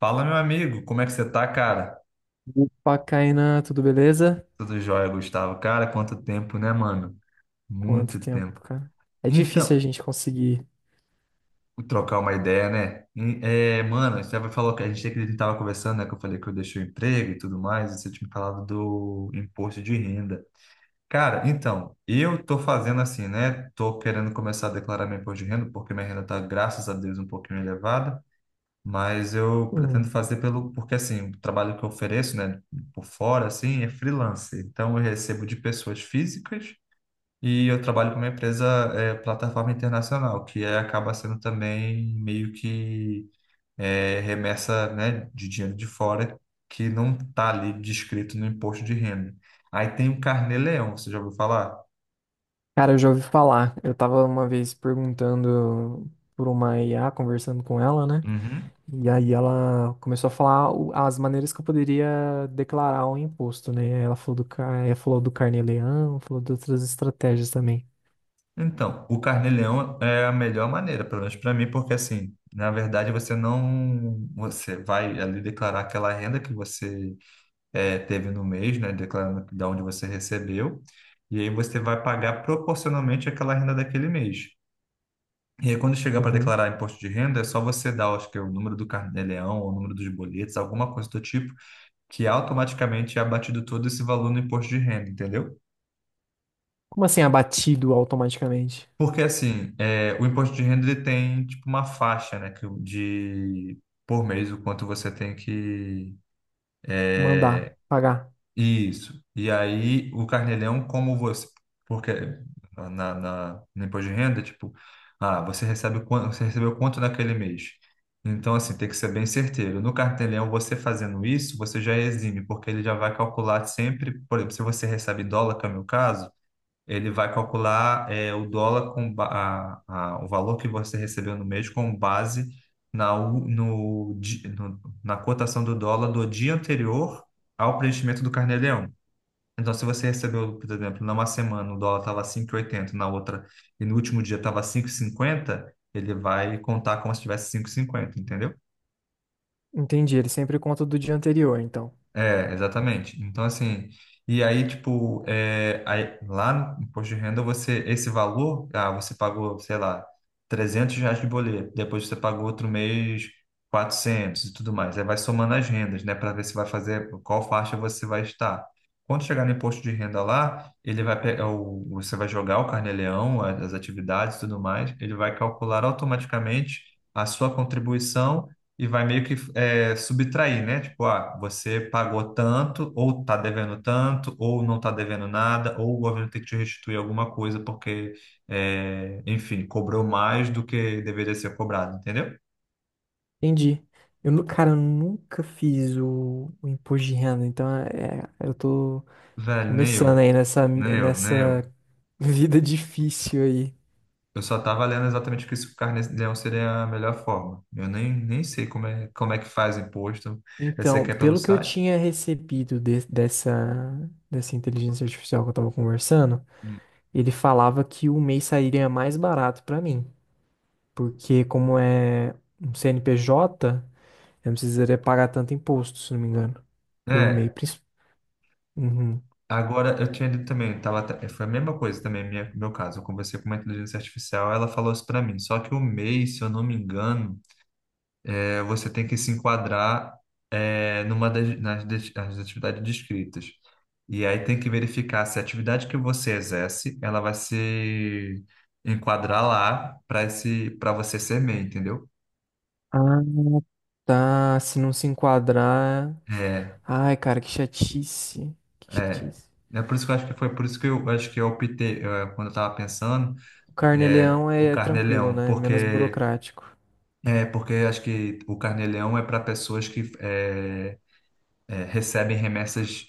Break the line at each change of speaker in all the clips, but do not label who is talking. Fala, meu amigo, como é que você tá, cara?
Opa, Kainan, tudo beleza?
Tudo jóia, Gustavo? Cara, quanto tempo, né, mano?
Quanto
Muito
tempo,
tempo.
cara? É difícil a
Então,
gente conseguir.
trocar uma ideia, né? Mano, você falou que a gente tava conversando, né? Que eu falei que eu deixei o emprego e tudo mais, e você tinha me falado do imposto de renda. Cara, então, eu tô fazendo assim, né? Tô querendo começar a declarar meu imposto de renda, porque minha renda tá, graças a Deus, um pouquinho elevada. Mas eu pretendo
Uhum.
fazer porque assim, o trabalho que eu ofereço, né, por fora, assim, é freelance. Então eu recebo de pessoas físicas e eu trabalho com uma empresa, plataforma internacional, que acaba sendo também meio que remessa, né, de dinheiro de fora que não está ali descrito no imposto de renda. Aí tem o Carnê Leão, você já ouviu falar?
Cara, eu já ouvi falar. Eu tava uma vez perguntando por uma IA, conversando com ela, né?
Uhum.
E aí ela começou a falar as maneiras que eu poderia declarar um imposto, né? Ela falou do, ela falou do carnê-leão, falou de outras estratégias também.
Então, o carnê-leão é a melhor maneira, pelo menos para mim, porque assim, na verdade você não, você vai ali declarar aquela renda que você teve no mês, né, declarando de onde você recebeu, e aí você vai pagar proporcionalmente aquela renda daquele mês. E aí quando chegar para
Uhum.
declarar imposto de renda, é só você dar, acho que é o número do carnê-leão, ou o número dos boletos, alguma coisa do tipo, que automaticamente é abatido todo esse valor no imposto de renda, entendeu?
Como assim abatido automaticamente?
Porque assim, o imposto de renda ele tem tipo uma faixa, né, que, de por mês o quanto você tem que
Mandar, pagar.
isso. E aí o Carnelão, como você, porque no imposto de renda, tipo, ah, você recebe quanto, você recebeu quanto naquele mês. Então assim, tem que ser bem certeiro. No Carnelão, você fazendo isso, você já exime, porque ele já vai calcular sempre, por exemplo, se você recebe dólar, que é o meu caso, ele vai calcular o dólar com ba- a- o valor que você recebeu no mês com base na, u- no, di- no- na cotação do dólar do dia anterior ao preenchimento do carnê-leão. Então, se você recebeu, por exemplo, numa semana o dólar estava 5,80, na outra e no último dia estava 5,50, ele vai contar como se tivesse 5,50, entendeu?
Entendi, ele sempre conta do dia anterior, então.
É, exatamente. Então, assim, e aí, tipo, é, aí, lá no imposto de renda, você, esse valor, você pagou, sei lá, R$ 300 de boleto, depois você pagou outro mês 400 e tudo mais. Aí vai somando as rendas, né, para ver se vai fazer, qual faixa você vai estar. Quando chegar no imposto de renda lá, ele vai pegar o, você vai jogar o carnê-leão, as atividades e tudo mais, ele vai calcular automaticamente a sua contribuição e vai meio que subtrair, né? Tipo, ah, você pagou tanto, ou tá devendo tanto, ou não tá devendo nada, ou o governo tem que te restituir alguma coisa porque, enfim, cobrou mais do que deveria ser cobrado, entendeu?
Entendi. Eu, cara, eu nunca fiz o imposto de renda, então eu tô
Velho, nem
começando
eu,
aí
nem eu, nem
nessa
eu.
vida difícil aí.
Eu só tava lendo exatamente que isso carnê-leão seria a melhor forma. Eu nem sei como é que faz imposto. Eu sei
Então,
que é pelo
pelo que eu
site.
tinha recebido dessa, dessa inteligência artificial que eu tava conversando,
Hum.
ele falava que o mês sairia mais barato pra mim, porque como é um CNPJ. Eu não precisaria pagar tanto imposto, se não me engano. Pelo MEI,
É,
principalmente. Uhum.
agora, eu tinha lido também, eu tava, foi a mesma coisa também, minha, meu caso. Eu conversei com uma inteligência artificial, ela falou isso para mim. Só que o MEI, se eu não me engano, você tem que se enquadrar numa das, nas, des- nas atividades descritas. E aí tem que verificar se a atividade que você exerce, ela vai se enquadrar lá para esse, para você ser MEI, entendeu?
Ah, tá. Se não se enquadrar.
É,
Ai, cara, que chatice. Que
é.
chatice.
É por isso que eu acho que foi por isso que eu acho que eu optei, quando eu estava pensando,
O carnê-leão
o
é tranquilo,
carnê-leão,
né? É menos
porque
burocrático.
É, porque acho que o Carneleão é para pessoas que recebem remessas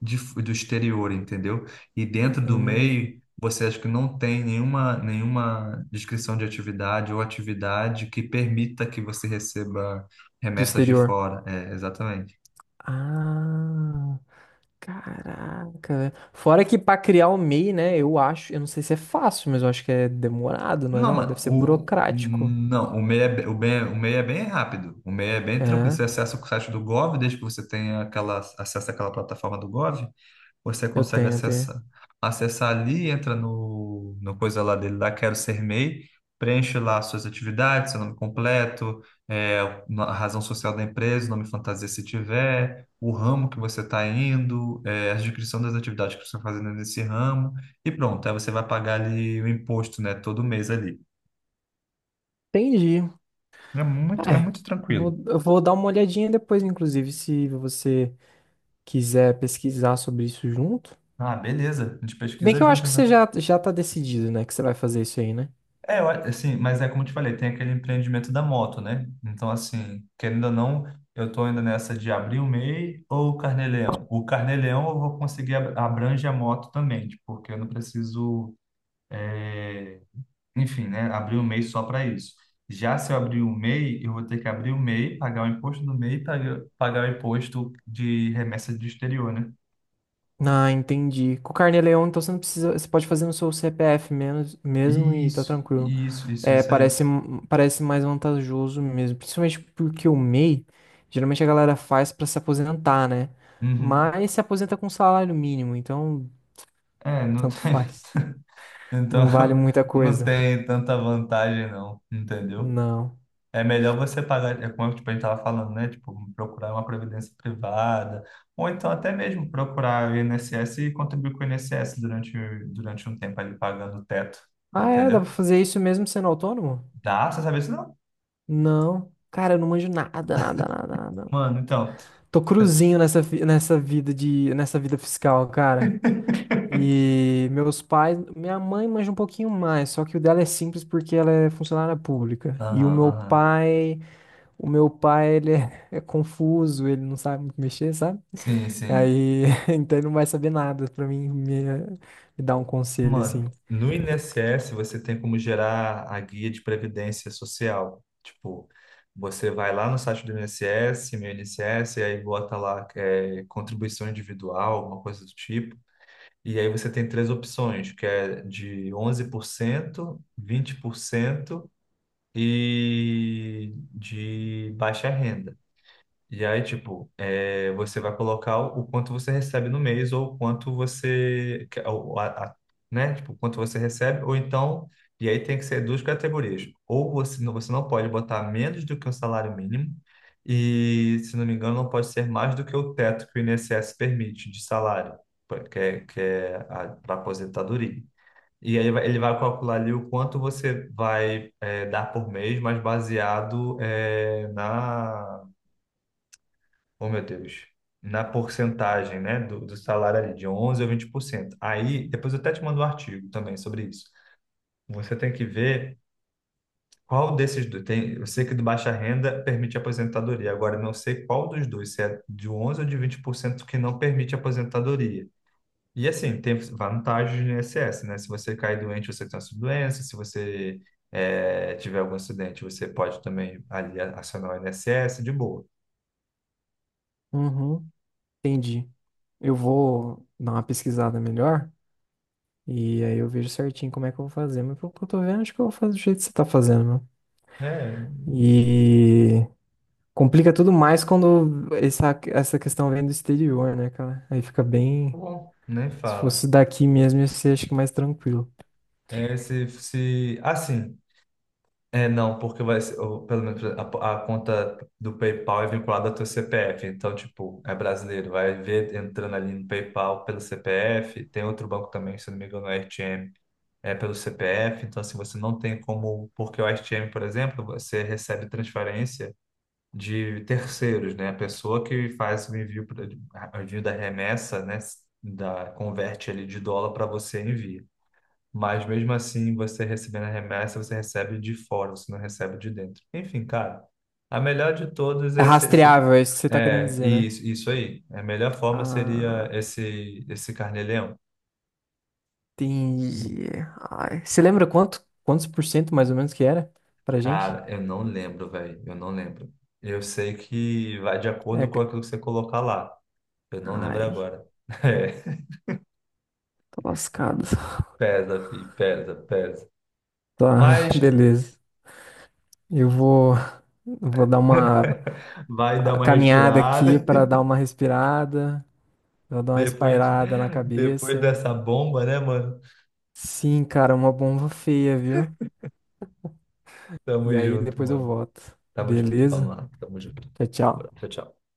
do exterior, entendeu? E dentro do
Hum,
MEI, você acha que não tem nenhuma, nenhuma descrição de atividade ou atividade que permita que você receba
do
remessas de
exterior.
fora. É, exatamente.
Ah, caraca. Velho. Fora que pra criar o MEI, né? Eu acho. Eu não sei se é fácil, mas eu acho que é demorado, não é
Não,
não? Deve
mano,
ser burocrático.
não, o MEI é bem rápido. O MEI é bem tranquilo.
É,
Você acessa o site do Gov, desde que você tenha aquela, acesso àquela plataforma do Gov, você
eu
consegue
tenho, eu
acessar.
tenho.
Acessar ali, entra no, no coisa lá dele, lá Quero Ser MEI, preenche lá suas atividades, seu nome completo, é, a razão social da empresa, o nome fantasia se tiver, o ramo que você está indo, a descrição das atividades que você está fazendo nesse ramo, e pronto, aí você vai pagar ali o imposto, né, todo mês ali.
Entendi.
É
É,
muito tranquilo.
eu vou dar uma olhadinha depois, inclusive, se você quiser pesquisar sobre isso junto.
Ah, beleza, a gente
Se bem
pesquisa
que eu acho
junto,
que você
então.
já tá decidido, né? Que você vai fazer isso aí, né?
É, eu assim, mas é como eu te falei, tem aquele empreendimento da moto, né? Então, assim, querendo ou não, eu tô ainda nessa de abrir o MEI ou o Carnê-Leão. O Carnê-Leão eu vou conseguir abrange a moto também, tipo, porque eu não preciso, é, enfim, né, abrir o MEI só para isso. Já se eu abrir o MEI, eu vou ter que abrir o MEI, pagar o imposto do MEI, pagar, pagar o imposto de remessa do exterior, né?
Ah, entendi. Com o Carneleon, então você não precisa. Você pode fazer no seu CPF menos, mesmo e tá
Isso,
tranquilo.
isso, isso,
É,
isso aí.
parece, parece mais vantajoso mesmo. Principalmente porque o MEI, geralmente a galera faz pra se aposentar, né?
Uhum.
Mas se aposenta com salário mínimo, então
É, não
tanto
tem.
faz.
Então,
Não vale muita
não
coisa.
tem tanta vantagem, não, entendeu?
Não.
É melhor você pagar, é como tipo, a gente estava falando, né? Tipo, procurar uma previdência privada, ou então até mesmo procurar o INSS e contribuir com o INSS durante, durante um tempo ali pagando o teto,
Ah, é? Dá pra
entendeu?
fazer isso mesmo sendo autônomo?
Dá, você sabe isso não?
Não. Cara, eu não manjo nada, nada, nada, nada.
Mano, então.
Tô
você-
cruzinho nessa, nessa vida de, nessa vida fiscal, cara. E meus pais, minha mãe manja um pouquinho mais, só que o dela é simples porque ela é funcionária pública. E
Aham, aham.
o meu pai, ele é, é confuso, ele não sabe muito mexer, sabe?
Sim, sim.
Aí, então ele não vai saber nada pra mim me dar um conselho assim.
Mano, no INSS você tem como gerar a guia de previdência social. Tipo, você vai lá no site do INSS, meu INSS, e aí bota lá contribuição individual, uma coisa do tipo. E aí você tem três opções, que é de 11%, 20% e de baixa renda. E aí, tipo, você vai colocar o quanto você recebe no mês ou o quanto você, né? Tipo, o quanto você recebe, ou então, e aí tem que ser duas categorias. Ou você, você não pode botar menos do que o salário mínimo e, se não me engano, não pode ser mais do que o teto que o INSS permite de salário, que é para aposentadoria. E aí ele vai calcular ali o quanto você vai dar por mês, mas baseado na. Oh, meu Deus. Na porcentagem, né, do, do salário ali, de 11 a 20%. Aí, depois eu até te mando um artigo também sobre isso. Você tem que ver qual desses dois. Tem, eu sei que do baixa renda permite aposentadoria. Agora, eu não sei qual dos dois, se é de 11 ou de 20% que não permite aposentadoria. E assim, tem vantagens no INSS, né? Se você cair doente, você tem essa doença. Se você tiver algum acidente, você pode também ali acionar o INSS de boa.
Uhum, entendi. Eu vou dar uma pesquisada melhor. E aí eu vejo certinho como é que eu vou fazer. Mas pelo que eu tô vendo, acho que eu vou fazer do jeito que você tá fazendo, mano.
É, tá
E complica tudo mais quando essa questão vem do exterior, né, cara? Aí fica bem.
bom, nem
Se
fala.
fosse daqui mesmo, ia ser acho que mais tranquilo.
É, se, assim, não, porque vai ser, ou, pelo menos a, conta do PayPal é vinculada ao teu CPF, então, tipo, é brasileiro, vai ver entrando ali no PayPal pelo CPF, tem outro banco também, se não me engano, é RTM, é pelo CPF, então, assim, você não tem como, porque o RTM, por exemplo, você recebe transferência de terceiros, né, a pessoa que faz o envio, o envio da remessa, né, da, converte ali de dólar para você e envia. Mas mesmo assim, você recebendo a remessa, você recebe de fora, você não recebe de dentro. Enfim, cara, a melhor de todas
É
é, se- se-
rastreável, é isso que você tá querendo
é
dizer, né?
isso, isso aí. A melhor forma seria
Ah,
esse esse carnê-leão.
entendi. Ai, você lembra quantos por cento mais ou menos que era pra gente?
Cara, eu não lembro, velho. Eu não lembro. Eu sei que vai de
É,
acordo com
g-
aquilo que você colocar lá. Eu não lembro
ai,
agora.
tô lascado.
É, pesa, filho, pesa, pesa.
Tá,
Mas
beleza. Eu vou, vou dar uma
vai dar
a
uma
caminhada aqui
respirada.
para dar uma respirada, pra dar uma
Depois,
espairada na
depois
cabeça.
dessa bomba, né, mano?
Sim, cara, uma bomba feia, viu?
Tamo
E aí
junto,
depois eu
mano.
volto.
Tamo junto.
Beleza?
Vamos lá. Tamo junto.
Tchau, tchau.
Abraço, tchau.